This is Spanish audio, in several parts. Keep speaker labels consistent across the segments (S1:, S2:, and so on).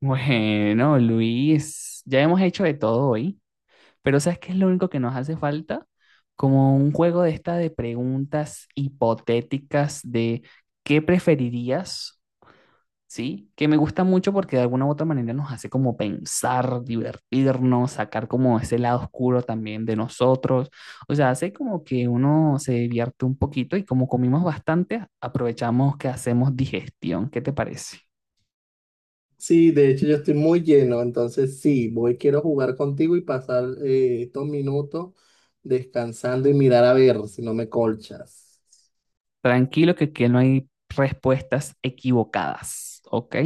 S1: Bueno, Luis, ya hemos hecho de todo hoy, pero ¿sabes qué es lo único que nos hace falta? Como un juego de esta de preguntas hipotéticas de qué preferirías, ¿sí? Que me gusta mucho porque de alguna u otra manera nos hace como pensar, divertirnos, sacar como ese lado oscuro también de nosotros. O sea, hace como que uno se divierte un poquito y como comimos bastante, aprovechamos que hacemos digestión. ¿Qué te parece?
S2: Sí, de hecho yo estoy muy lleno, entonces sí, quiero jugar contigo y pasar estos minutos descansando y mirar a ver si no me colchas.
S1: Tranquilo que aquí no hay respuestas equivocadas, ¿ok?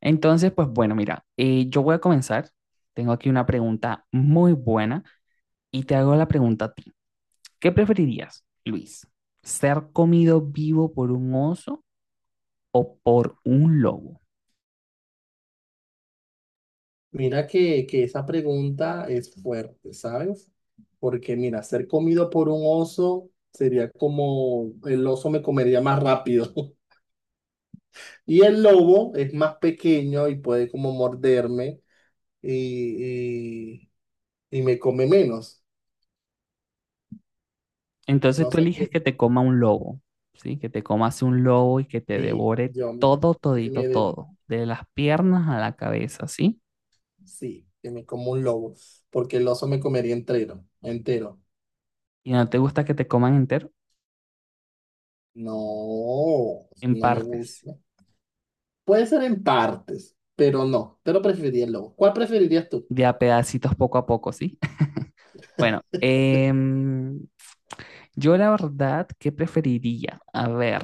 S1: Entonces, pues bueno, mira, yo voy a comenzar. Tengo aquí una pregunta muy buena y te hago la pregunta a ti. ¿Qué preferirías, Luis? ¿Ser comido vivo por un oso o por un lobo?
S2: Mira que esa pregunta es fuerte, ¿sabes? Porque mira, ser comido por un oso sería como el oso me comería más rápido y el lobo es más pequeño y puede como morderme y, y, y me come menos.
S1: Entonces
S2: No
S1: tú
S2: sé
S1: eliges
S2: qué,
S1: que te coma un lobo, ¿sí? Que te comas un lobo y que te
S2: sí,
S1: devore todo,
S2: que
S1: todito,
S2: me,
S1: todo, de las piernas a la cabeza, ¿sí?
S2: Sí, que me como un lobo, porque el oso me comería entero, entero.
S1: Y no te gusta que te coman entero
S2: No,
S1: en
S2: no me
S1: partes.
S2: gusta. Puede ser en partes, pero no, pero preferiría el lobo. ¿Cuál preferirías tú? O
S1: De a pedacitos poco a poco, ¿sí? Bueno, yo la verdad, ¿qué preferiría? A ver,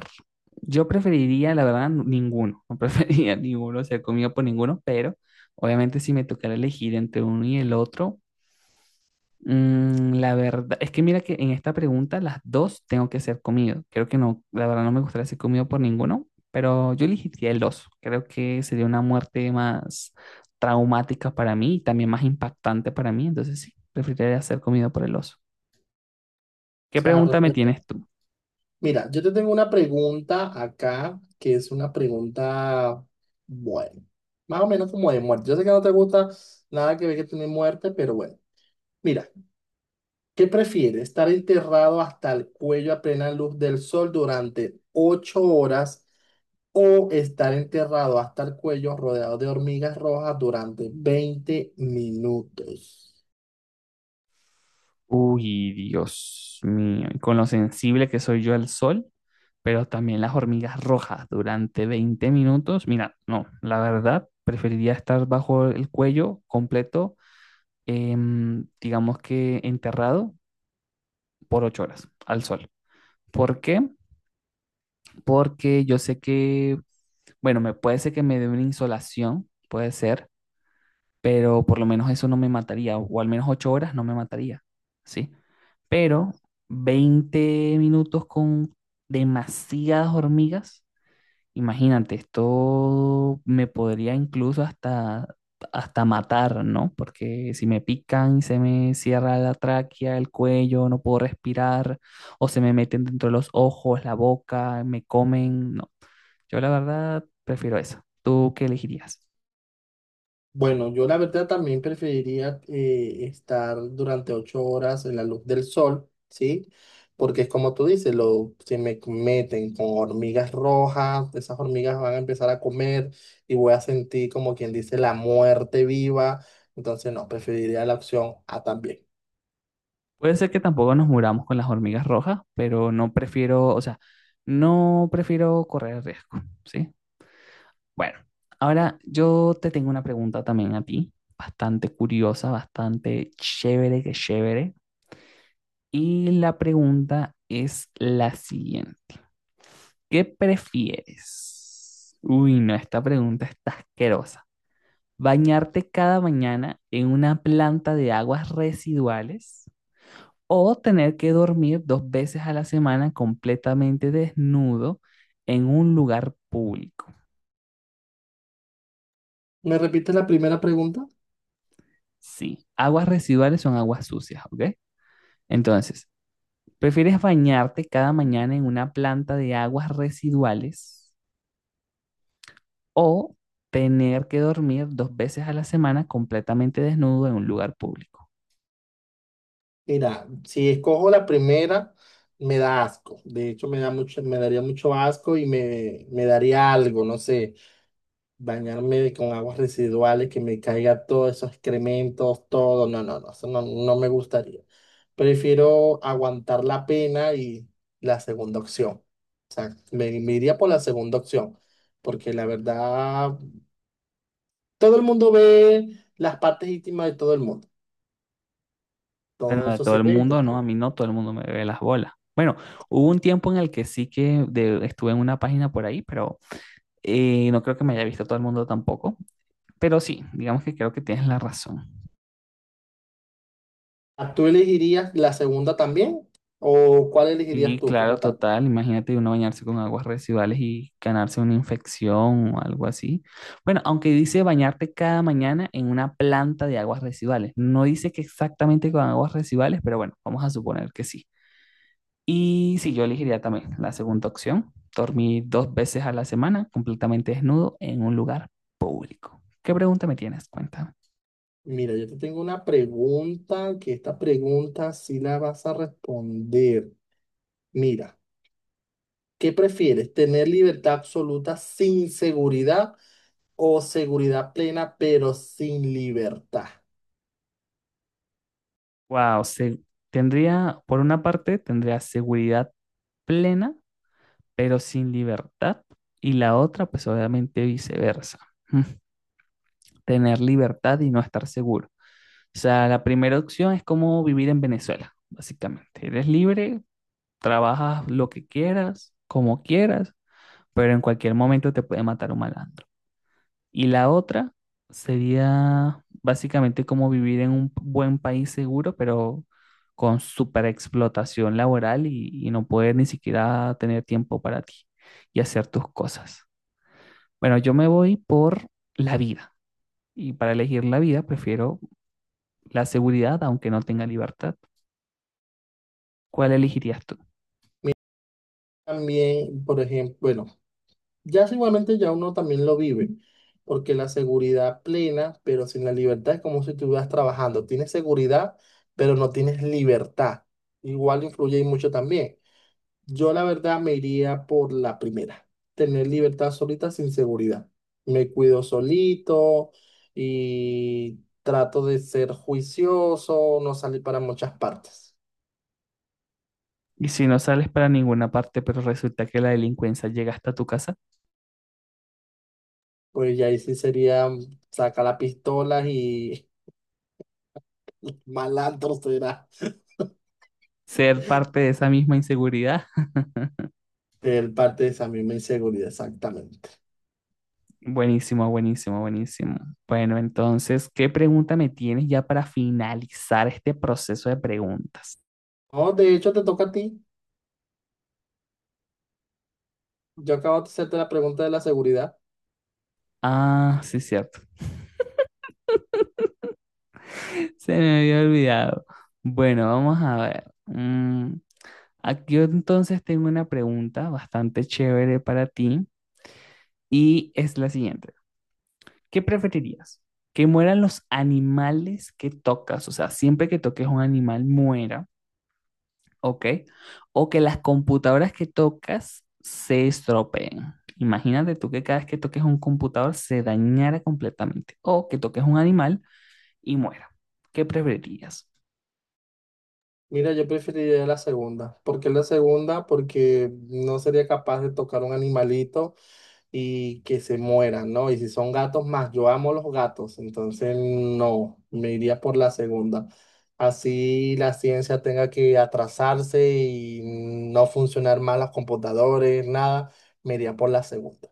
S1: yo preferiría, la verdad, ninguno. No preferiría ninguno, o sea, comido por ninguno, pero obviamente si me tocara elegir entre uno y el otro, la verdad, es que mira que en esta pregunta las dos tengo que ser comido. Creo que no, la verdad no me gustaría ser comido por ninguno, pero yo elegiría el oso. Creo que sería una muerte más traumática para mí y también más impactante para mí. Entonces sí, preferiría ser comido por el oso. ¿Qué
S2: sea,
S1: pregunta me
S2: respuesta.
S1: tienes tú?
S2: Mira, yo te tengo una pregunta acá, que es una pregunta, bueno, más o menos como de muerte. Yo sé que no te gusta nada que ver que tiene muerte, pero bueno. Mira, ¿qué prefieres? ¿Estar enterrado hasta el cuello a plena luz del sol durante 8 horas o estar enterrado hasta el cuello rodeado de hormigas rojas durante 20 minutos?
S1: Uy, Dios mío, y con lo sensible que soy yo al sol, pero también las hormigas rojas durante 20 minutos. Mira, no, la verdad, preferiría estar bajo el cuello completo digamos que enterrado por 8 horas al sol. ¿Por qué? Porque yo sé que, bueno, me puede ser que me dé una insolación, puede ser, pero por lo menos eso no me mataría, o al menos 8 horas no me mataría, ¿sí? Pero 20 minutos con demasiadas hormigas. Imagínate, esto me podría incluso hasta matar, ¿no? Porque si me pican y se me cierra la tráquea, el cuello, no puedo respirar, o se me meten dentro de los ojos, la boca, me comen, no. Yo la verdad prefiero eso. ¿Tú qué elegirías?
S2: Bueno, yo la verdad también preferiría estar durante 8 horas en la luz del sol, ¿sí? Porque es como tú dices, lo, si me meten con hormigas rojas, esas hormigas van a empezar a comer y voy a sentir como quien dice la muerte viva. Entonces, no, preferiría la opción A también.
S1: Puede ser que tampoco nos muramos con las hormigas rojas, pero no prefiero, o sea, no prefiero correr riesgo, ¿sí? Bueno, ahora yo te tengo una pregunta también a ti, bastante curiosa, bastante chévere que chévere. Y la pregunta es la siguiente. ¿Qué prefieres? Uy, no, esta pregunta está asquerosa. ¿Bañarte cada mañana en una planta de aguas residuales o tener que dormir dos veces a la semana completamente desnudo en un lugar público?
S2: ¿Me repites la primera pregunta?
S1: Sí, aguas residuales son aguas sucias, ¿ok? Entonces, ¿prefieres bañarte cada mañana en una planta de aguas residuales o tener que dormir dos veces a la semana completamente desnudo en un lugar público?
S2: Mira, si escojo la primera, me da asco. De hecho, me da mucho, me daría mucho asco y me daría algo, no sé, bañarme con aguas residuales, que me caiga todos esos excrementos, todo. No, no, no, eso no, no me gustaría. Prefiero aguantar la pena y la segunda opción. O sea, me iría por la segunda opción, porque la verdad, todo el mundo ve las partes íntimas de todo el mundo.
S1: Bueno,
S2: Todo
S1: de
S2: eso
S1: todo
S2: se
S1: el
S2: ve.
S1: mundo, no, a mí no, todo el mundo me ve las bolas. Bueno, hubo un tiempo en el que sí que estuve en una página por ahí, pero no creo que me haya visto todo el mundo tampoco. Pero sí, digamos que creo que tienes la razón.
S2: Ah, ¿tú elegirías la segunda también? ¿O cuál elegirías
S1: Sí,
S2: tú
S1: claro,
S2: como tal?
S1: total. Imagínate uno bañarse con aguas residuales y ganarse una infección o algo así. Bueno, aunque dice bañarte cada mañana en una planta de aguas residuales. No dice que exactamente con aguas residuales, pero bueno, vamos a suponer que sí. Y sí, yo elegiría también la segunda opción, dormir dos veces a la semana completamente desnudo en un lugar público. ¿Qué pregunta me tienes? Cuéntame.
S2: Mira, yo te tengo una pregunta, que esta pregunta sí la vas a responder. Mira, ¿qué prefieres? ¿Tener libertad absoluta sin seguridad o seguridad plena pero sin libertad?
S1: Wow, tendría, por una parte, tendría seguridad plena pero sin libertad. Y la otra, pues obviamente viceversa. ¿Mm? Tener libertad y no estar seguro. O sea, la primera opción es como vivir en Venezuela, básicamente. Eres libre, trabajas lo que quieras, como quieras, pero en cualquier momento te puede matar un malandro. Y la otra sería básicamente como vivir en un buen país seguro, pero con superexplotación laboral y no poder ni siquiera tener tiempo para ti y hacer tus cosas. Bueno, yo me voy por la vida. Y para elegir la vida, prefiero la seguridad, aunque no tenga libertad. ¿Cuál elegirías tú?
S2: También, por ejemplo, bueno. Ya sí, igualmente ya uno también lo vive, porque la seguridad plena, pero sin la libertad, es como si estuvieras trabajando. Tienes seguridad, pero no tienes libertad. Igual influye y mucho también. Yo la verdad me iría por la primera, tener libertad solita sin seguridad. Me cuido solito y trato de ser juicioso, no salir para muchas partes.
S1: Y si no sales para ninguna parte, pero resulta que la delincuencia llega hasta tu casa,
S2: Pues ya ahí sí sería sacar la pistola y malandro será.
S1: ser parte de esa misma inseguridad.
S2: Él parte de esa misma inseguridad, exactamente.
S1: Buenísimo, buenísimo, buenísimo. Bueno, entonces, ¿qué pregunta me tienes ya para finalizar este proceso de preguntas?
S2: No, de hecho, te toca a ti. Yo acabo de hacerte la pregunta de la seguridad.
S1: Ah, sí, cierto. Se me había olvidado. Bueno, vamos a ver. Aquí yo entonces tengo una pregunta bastante chévere para ti y es la siguiente. ¿Qué preferirías? ¿Que mueran los animales que tocas? O sea, siempre que toques un animal muera, ¿ok? O que las computadoras que tocas se estropeen. Imagínate tú que cada vez que toques un computador se dañara completamente. O que toques un animal y muera. ¿Qué preferirías?
S2: Mira, yo preferiría la segunda. ¿Por qué la segunda? Porque no sería capaz de tocar un animalito y que se mueran, ¿no? Y si son gatos más, yo amo los gatos, entonces no, me iría por la segunda. Así la ciencia tenga que atrasarse y no funcionar mal los computadores, nada, me iría por la segunda.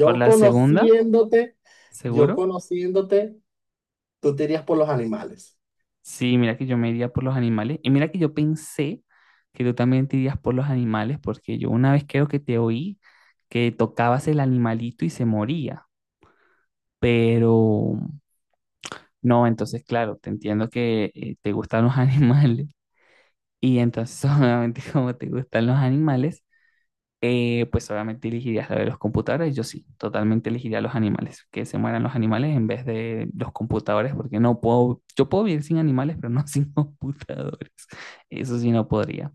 S1: Por la segunda,
S2: conociéndote, yo
S1: seguro.
S2: conociéndote, tú te irías por los animales.
S1: Sí, mira que yo me iría por los animales. Y mira que yo pensé que tú también te irías por los animales, porque yo una vez creo que te oí que tocabas el animalito y se moría. Pero no, entonces, claro, te entiendo que te gustan los animales. Y entonces, obviamente, como te gustan los animales, pues obviamente elegirías la de los computadores. Yo sí, totalmente elegiría los animales, que se mueran los animales en vez de los computadores, porque no puedo, yo puedo vivir sin animales, pero no sin computadores. Eso sí no podría.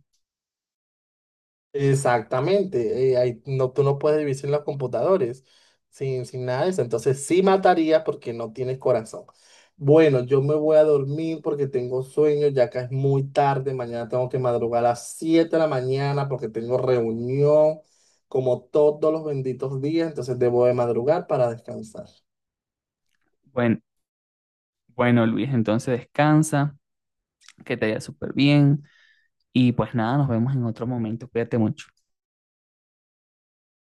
S2: Exactamente, ahí no, tú no puedes vivir sin los computadores, sin nada de eso. Entonces sí mataría porque no tienes corazón. Bueno, yo me voy a dormir porque tengo sueño, ya que es muy tarde. Mañana tengo que madrugar a las 7 de la mañana porque tengo reunión como todos los benditos días. Entonces debo de madrugar para descansar.
S1: Bueno, bueno, Luis, entonces descansa, que te vaya súper bien y pues nada, nos vemos en otro momento. Cuídate mucho.